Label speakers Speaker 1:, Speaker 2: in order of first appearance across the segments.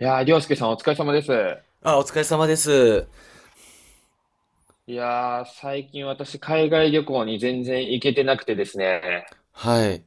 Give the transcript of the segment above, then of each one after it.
Speaker 1: いやー、りょうすけさんお疲れ様です。
Speaker 2: あ、お疲れ様です。
Speaker 1: いやー、最近私海外旅行に全然行けてなくてですね。
Speaker 2: はい。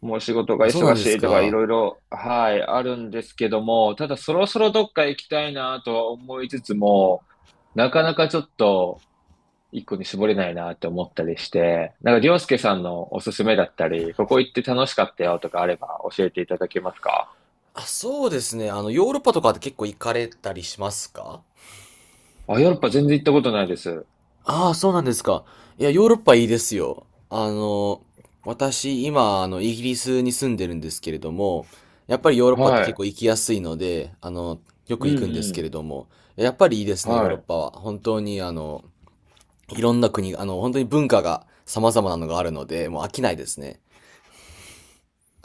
Speaker 1: もう仕事が
Speaker 2: あ、そうな
Speaker 1: 忙
Speaker 2: んで
Speaker 1: し
Speaker 2: す
Speaker 1: いとかい
Speaker 2: か。
Speaker 1: ろいろ、はい、あるんですけども、ただそろそろどっか行きたいなとは思いつつも、なかなかちょっと一個に絞れないなって思ったりして、なんかりょうすけさんのおすすめだったり、ここ行って楽しかったよとかあれば教えていただけますか？
Speaker 2: あ、そうですね。ヨーロッパとかって結構行かれたりしますか？
Speaker 1: あ、ヨーロッパ全然行ったことないです。
Speaker 2: ああ、そうなんですか。いや、ヨーロッパいいですよ。私、今、イギリスに住んでるんですけれども、やっぱりヨーロッパって
Speaker 1: は
Speaker 2: 結
Speaker 1: い。
Speaker 2: 構行きやすいので、よ
Speaker 1: う
Speaker 2: く行く
Speaker 1: ん
Speaker 2: んです
Speaker 1: う
Speaker 2: け
Speaker 1: ん。
Speaker 2: れども、やっぱりいいですね、ヨー
Speaker 1: は
Speaker 2: ロッ
Speaker 1: い。
Speaker 2: パは。本当に、いろんな国、本当に文化が様々なのがあるので、もう飽きないですね。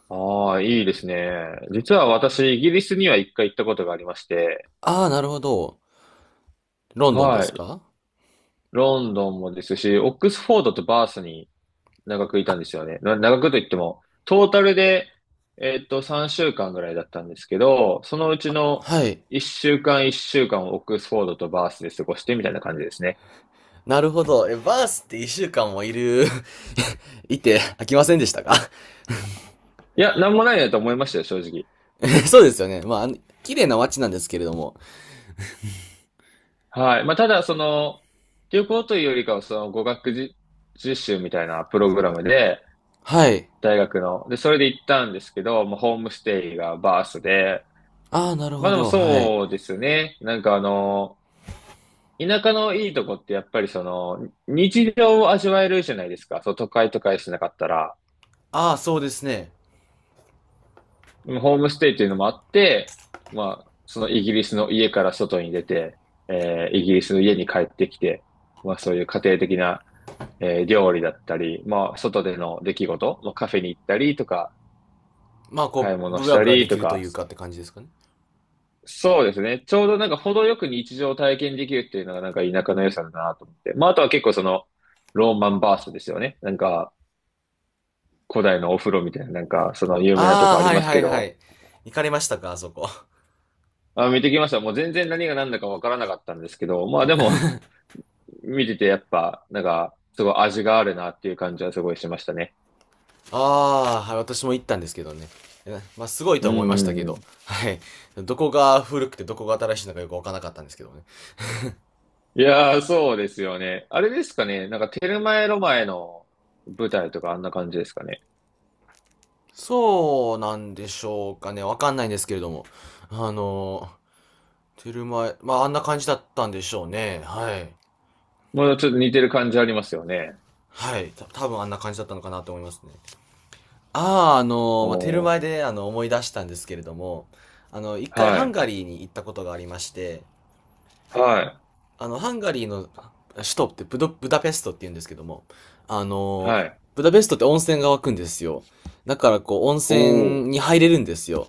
Speaker 1: ああ、いいですね。実は私、イギリスには一回行ったことがありまして、
Speaker 2: ああ、なるほど。ロンドンで
Speaker 1: は
Speaker 2: す
Speaker 1: い。
Speaker 2: か？
Speaker 1: ロンドンもですし、オックスフォードとバースに長くいたんですよね。長くといっても、トータルで、3週間ぐらいだったんですけど、そのうちの
Speaker 2: はい。
Speaker 1: 11週間をオックスフォードとバースで過ごしてみたいな感じですね。
Speaker 2: なるほど。え、バースって1週間もいる いて飽きませんでしたか？
Speaker 1: いや、なんもないなと思いましたよ、正直。
Speaker 2: えそうですよね。まあ、綺麗な街なんですけれども。
Speaker 1: はい。まあ、ただ、その、旅行というよりかは、その語学実習みたいなプログラムで、
Speaker 2: はい。
Speaker 1: 大学の。で、それで行ったんですけど、もうホームステイがバースで、
Speaker 2: ああ、なる
Speaker 1: ま
Speaker 2: ほ
Speaker 1: あでも
Speaker 2: ど。はい。
Speaker 1: そうですね。なんかあの、田舎のいいとこってやっぱりその、日常を味わえるじゃないですか。そう、都会とかしなかったら。
Speaker 2: ああ、そうですね。
Speaker 1: ホームステイっていうのもあって、まあ、そのイギリスの家から外に出て、イギリスの家に帰ってきて、まあそういう家庭的な、料理だったり、まあ外での出来事、まあ、カフェに行ったりとか、
Speaker 2: まあ、
Speaker 1: 買い物
Speaker 2: ブ
Speaker 1: し
Speaker 2: ラ
Speaker 1: た
Speaker 2: ブラで
Speaker 1: り
Speaker 2: き
Speaker 1: と
Speaker 2: ると
Speaker 1: か、
Speaker 2: いうかって感じですかね。
Speaker 1: そうですね。ちょうどなんか程よく日常を体験できるっていうのがなんか田舎の良さだなと思って。まああとは結構そのローマンバーストですよね。なんか古代のお風呂みたいななんかその有名なとこ
Speaker 2: ああ、
Speaker 1: あり
Speaker 2: はい
Speaker 1: ます
Speaker 2: は
Speaker 1: け
Speaker 2: いは
Speaker 1: ど。
Speaker 2: い。行かれましたか、あそこ。
Speaker 1: あ、見てきました。もう全然何が何だかわからなかったんですけど。まあでも 見ててやっぱなんかすごい味があるなっていう感じはすごいしましたね。
Speaker 2: ああ、はい、私も行ったんですけどね。えまあ、すごい
Speaker 1: う
Speaker 2: とは思い
Speaker 1: んう
Speaker 2: ましたけ
Speaker 1: んう
Speaker 2: ど。
Speaker 1: ん。
Speaker 2: はい。どこが古くてどこが新しいのかよくわからなかったんですけどね。
Speaker 1: いやーそうですよね。あれですかね。なんかテルマエ・ロマエの舞台とかあんな感じですかね。
Speaker 2: そうなんでしょうかね。わかんないんですけれども。あの、テルマエ、まあ、あんな感じだったんでしょうね。はい。
Speaker 1: もうちょっと似てる感じありますよね。
Speaker 2: はい。多分あんな感じだったのかなと思いますね。ああ、まあ、テル
Speaker 1: お
Speaker 2: マエ
Speaker 1: ー、
Speaker 2: で、思い出したんですけれども、一回
Speaker 1: は
Speaker 2: ハン
Speaker 1: い、
Speaker 2: ガリーに行ったことがありまして、
Speaker 1: は
Speaker 2: ハンガリーの首都ってブダペストって言うんですけども、あ
Speaker 1: い、
Speaker 2: の、
Speaker 1: はい。
Speaker 2: ブダペストって温泉が湧くんですよ。だからこう、温泉
Speaker 1: お
Speaker 2: に
Speaker 1: ー、
Speaker 2: 入れるんですよ。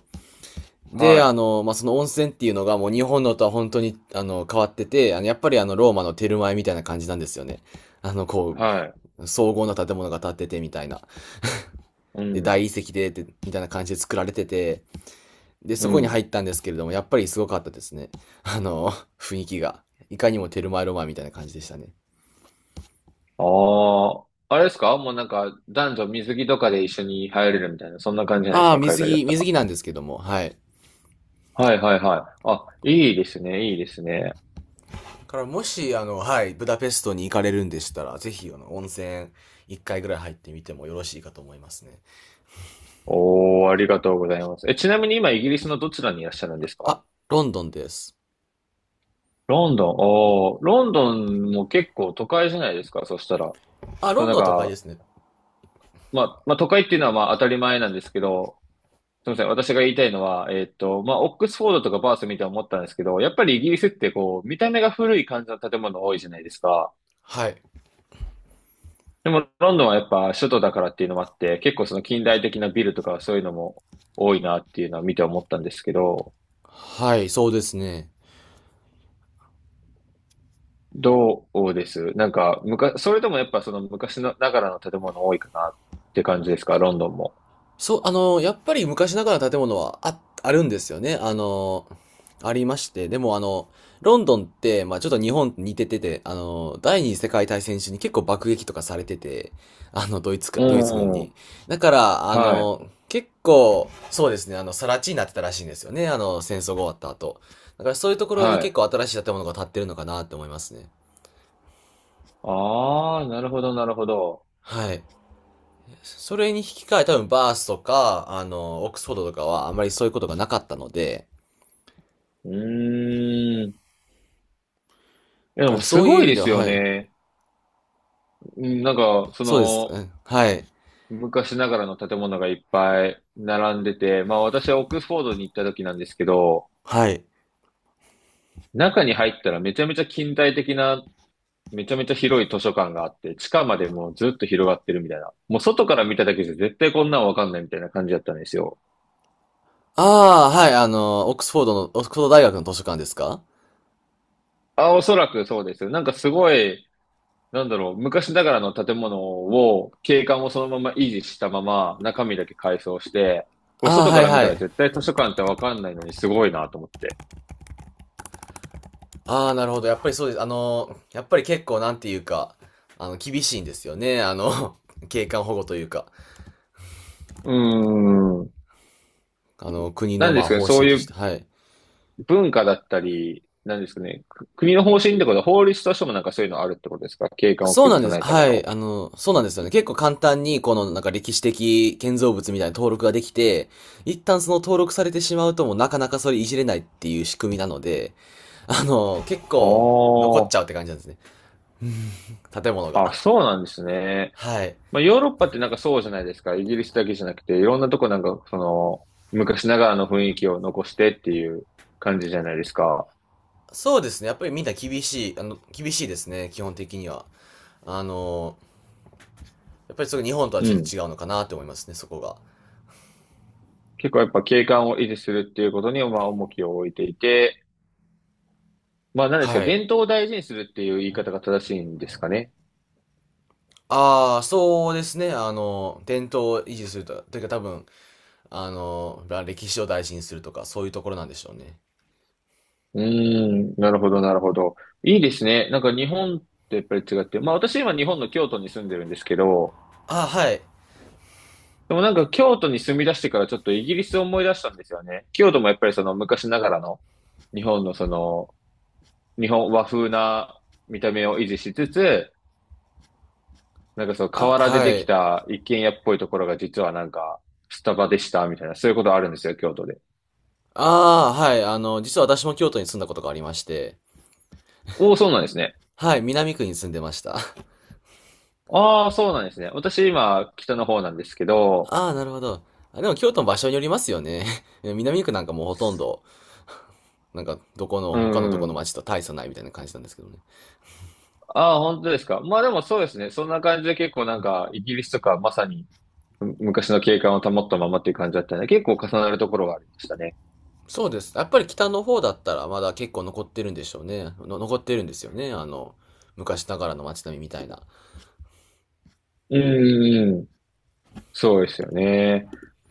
Speaker 1: は
Speaker 2: で、
Speaker 1: い、
Speaker 2: まあ、その温泉っていうのがもう日本のとは本当に、変わってて、やっぱりローマのテルマエみたいな感じなんですよね。こ
Speaker 1: はい。
Speaker 2: う、荘厳な建物が建っててみたいな。
Speaker 1: う
Speaker 2: で、大
Speaker 1: ん、
Speaker 2: 理石で、みたいな感じで作られてて、で、
Speaker 1: う
Speaker 2: そこに
Speaker 1: ん。
Speaker 2: 入ったんですけれども、やっぱりすごかったですね。あの、雰囲気が。いかにもテルマエロマエみたいな感じでしたね。
Speaker 1: ああ、あれですかもうなんか男女水着とかで一緒に入れるみたいな、そんな感じじゃないです
Speaker 2: ああ、
Speaker 1: か海
Speaker 2: 水
Speaker 1: 外だっ
Speaker 2: 着、
Speaker 1: た
Speaker 2: 水
Speaker 1: ら？
Speaker 2: 着なんですけども、はい。
Speaker 1: はい、はい、はい。あ、いいですね、いいですね。
Speaker 2: から、もし、はい、ブダペストに行かれるんでしたら、ぜひ、温泉、一回ぐらい入ってみてもよろしいかと思いますね。
Speaker 1: おー、ありがとうございます。え、ちなみに今イギリスのどちらにいらっしゃるんですか？
Speaker 2: あ、ロンドンです。
Speaker 1: ロンドン、おー、ロンドンも結構都会じゃないですかそしたら？そ
Speaker 2: あ、
Speaker 1: う
Speaker 2: ロン
Speaker 1: なん
Speaker 2: ドンは都会で
Speaker 1: か、
Speaker 2: すね。
Speaker 1: まあ、まあ都会っていうのはまあ当たり前なんですけど、すみません。私が言いたいのは、まあ、オックスフォードとかバース見て思ったんですけど、やっぱりイギリスってこう、見た目が古い感じの建物多いじゃないですか。
Speaker 2: はい。
Speaker 1: でも、ロンドンはやっぱ首都だからっていうのもあって、結構その近代的なビルとかそういうのも多いなっていうのは見て思ったんですけど、
Speaker 2: はい、そうですね。
Speaker 1: どうですなんか、それでもやっぱその昔のながらの建物多いかなって感じですか、ロンドンも？
Speaker 2: そう、やっぱり昔ながらの建物はあるんですよね。ありまして。でもあの、ロンドンって、まあちょっと日本と似ててて、第二次世界大戦中に結構爆撃とかされてて、
Speaker 1: う
Speaker 2: ドイツ軍に。
Speaker 1: ん。
Speaker 2: だから、
Speaker 1: はい。
Speaker 2: 結構、そうですね、更地になってたらしいんですよね。戦争が終わった後。だからそういうところに
Speaker 1: は
Speaker 2: 結
Speaker 1: い。
Speaker 2: 構新しい建物が建ってるのかなって思いますね。
Speaker 1: ああ、なるほど、なるほど。
Speaker 2: はい。それに引き換え多分バースとか、オックスフォードとかはあまりそういうことがなかったので、
Speaker 1: うーん。
Speaker 2: だ
Speaker 1: で
Speaker 2: か
Speaker 1: も
Speaker 2: ら
Speaker 1: す
Speaker 2: そういう
Speaker 1: ご
Speaker 2: 意
Speaker 1: い
Speaker 2: 味
Speaker 1: で
Speaker 2: では、
Speaker 1: すよ
Speaker 2: はい。
Speaker 1: ね。うん、なんか、そ
Speaker 2: そうです。う
Speaker 1: の、
Speaker 2: んはい。
Speaker 1: 昔ながらの建物がいっぱい並んでて、まあ私はオックスフォードに行った時なんですけど、
Speaker 2: はい。
Speaker 1: 中に入ったらめちゃめちゃ近代的な、めちゃめちゃ広い図書館があって、地下までもうずっと広がってるみたいな。もう外から見ただけじゃ絶対こんなんわかんないみたいな感じだったんですよ。
Speaker 2: ああ、はい、オックスフォード大学の図書館ですか？
Speaker 1: あ、おそらくそうですよ。なんかすごい、なんだろう、昔ながらの建物を、景観をそのまま維持したまま中身だけ改装して、これ
Speaker 2: ああ、
Speaker 1: 外
Speaker 2: は
Speaker 1: か
Speaker 2: い
Speaker 1: ら見
Speaker 2: は
Speaker 1: た
Speaker 2: い。
Speaker 1: ら絶対図書館ってわかんないのにすごいなと思って。
Speaker 2: ああ、なるほど。やっぱりそうです。やっぱり結構なんていうか、厳しいんですよね。景観保護というか、
Speaker 1: うーん。
Speaker 2: 国
Speaker 1: な
Speaker 2: の
Speaker 1: ん
Speaker 2: ま
Speaker 1: で
Speaker 2: あ
Speaker 1: すかね、
Speaker 2: 方
Speaker 1: そう
Speaker 2: 針とし
Speaker 1: い
Speaker 2: て、
Speaker 1: う
Speaker 2: はい。
Speaker 1: 文化だったり、なんですかね、国の方針ってことは法律としてもなんかそういうのあるってことですか、景観を
Speaker 2: そうな
Speaker 1: 崩
Speaker 2: ん
Speaker 1: さ
Speaker 2: です。
Speaker 1: ないため
Speaker 2: はい。
Speaker 1: の？
Speaker 2: そうなんですよね。結構簡単に、このなんか歴史的建造物みたいな登録ができて、一旦その登録されてしまうともうなかなかそれいじれないっていう仕組みなので、結
Speaker 1: あ
Speaker 2: 構残っちゃうって感じなんですね。建物
Speaker 1: あ、あ、
Speaker 2: が。
Speaker 1: そうなんですね。
Speaker 2: はい。
Speaker 1: まあ、ヨーロッパってなんかそうじゃないですか。イギリスだけじゃなくて、いろんなとこなんか、その、昔ながらの雰囲気を残してっていう感じじゃないですか。
Speaker 2: そうですね。やっぱりみんな厳しいですね。基本的には。あの、やっぱりそれ日本とは
Speaker 1: う
Speaker 2: ちょっ
Speaker 1: ん。
Speaker 2: と違うのかなって思いますね、そこが。
Speaker 1: 結構やっぱ景観を維持するっていうことに、まあ、重きを置いていて、まあ、なんですか、
Speaker 2: はい。
Speaker 1: 伝統を大事にするっていう言い方が正しいんですかね。
Speaker 2: ああ、そうですね。伝統を維持すると、というか多分、歴史を大事にするとか、そういうところなんでしょうね。
Speaker 1: うーん、なるほど、なるほど。いいですね。なんか日本とやっぱり違って、まあ私今日本の京都に住んでるんですけど、
Speaker 2: あ、はい。
Speaker 1: でもなんか京都に住み出してからちょっとイギリスを思い出したんですよね。京都もやっぱりその昔ながらの日本のその日本和風な見た目を維持しつつ、なんかその
Speaker 2: あ、
Speaker 1: 河原で
Speaker 2: は
Speaker 1: でき
Speaker 2: い。
Speaker 1: た一軒家っぽいところが実はなんかスタバでしたみたいな、そういうことあるんですよ、京都で。
Speaker 2: ああ、はい。実は私も京都に住んだことがありまして、
Speaker 1: おお、そうなんですね。
Speaker 2: はい、南区に住んでました。
Speaker 1: ああ、そうなんですね。私今北の方なんですけど、
Speaker 2: ああ、なるほど。あでも京都の場所によりますよね。南区なんかもうほとんど、なんかどこの、
Speaker 1: う
Speaker 2: 他のど
Speaker 1: ん
Speaker 2: こ
Speaker 1: う
Speaker 2: の
Speaker 1: ん。
Speaker 2: 町と大差ないみたいな感じなんですけどね。
Speaker 1: ああ、本当ですか。まあでもそうですね。そんな感じで結構なんか、イギリスとかまさに昔の景観を保ったままっていう感じだったので、結構重なるところがありましたね。
Speaker 2: そうです。やっぱり北の方だったらまだ結構残ってるんでしょうね。残ってるんですよね。昔ながらの街並みみたいな。
Speaker 1: うんうんうん、そうですよね。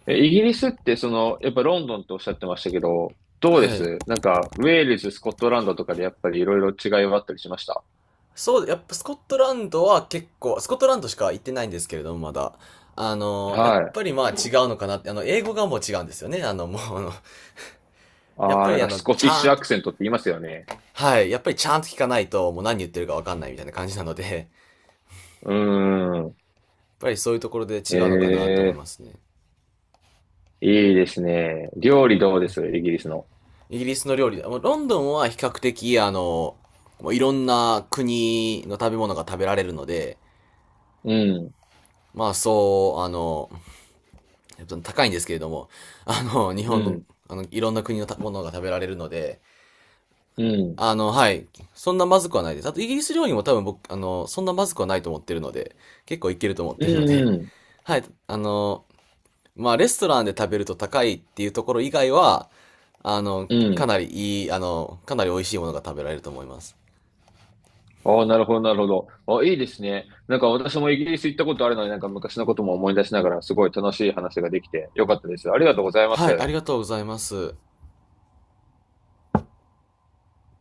Speaker 1: え、イギリスってその、やっぱロンドンっておっしゃってましたけど、どうで
Speaker 2: はい。
Speaker 1: すなんか、ウェールズ、スコットランドとかでやっぱりいろいろ違いはあったりしました？
Speaker 2: そう、やっぱスコットランドしか行ってないんですけれども、まだ。やっ
Speaker 1: はい。
Speaker 2: ぱりまあ違うのかなって、英語がもう違うんですよね。あの、もう、あの、やっ
Speaker 1: あ
Speaker 2: ぱ
Speaker 1: あ、なん
Speaker 2: りあ
Speaker 1: か
Speaker 2: の、
Speaker 1: スコ
Speaker 2: ち
Speaker 1: ティッ
Speaker 2: ゃ
Speaker 1: シ
Speaker 2: ん
Speaker 1: ュア
Speaker 2: と、
Speaker 1: クセントって言いますよね。
Speaker 2: はい、やっぱりちゃんと聞かないと、もう何言ってるかわかんないみたいな感じなので、
Speaker 1: うーん。
Speaker 2: やっぱりそういうところで違う
Speaker 1: え
Speaker 2: のかなって思い
Speaker 1: え、
Speaker 2: ますね。
Speaker 1: いいですね。料理どうですイギリスの？
Speaker 2: イギリスの料理、もうロンドンは比較的、もういろんな国の食べ物が食べられるので、
Speaker 1: うん、
Speaker 2: まあそう、高いんですけれども、日
Speaker 1: う
Speaker 2: 本の、
Speaker 1: ん、
Speaker 2: いろんな国のたものが食べられるので、
Speaker 1: うん。
Speaker 2: はい。そんなまずくはないです。あと、イギリス料理も多分僕、そんなまずくはないと思ってるので、結構いけると思っ
Speaker 1: う
Speaker 2: てるの
Speaker 1: ん
Speaker 2: で、
Speaker 1: うん。
Speaker 2: はい。まあ、レストランで食べると高いっていうところ以外は、あの、
Speaker 1: う
Speaker 2: か
Speaker 1: ん。
Speaker 2: なりかなり美味しいものが食べられると思います。
Speaker 1: ああ、なるほど、なるほど。あ、いいですね。なんか私もイギリス行ったことあるのに、なんか昔のことも思い出しながら、すごい楽しい話ができてよかったです。ありがとうございま
Speaker 2: は
Speaker 1: す。
Speaker 2: い、ありがとうございます。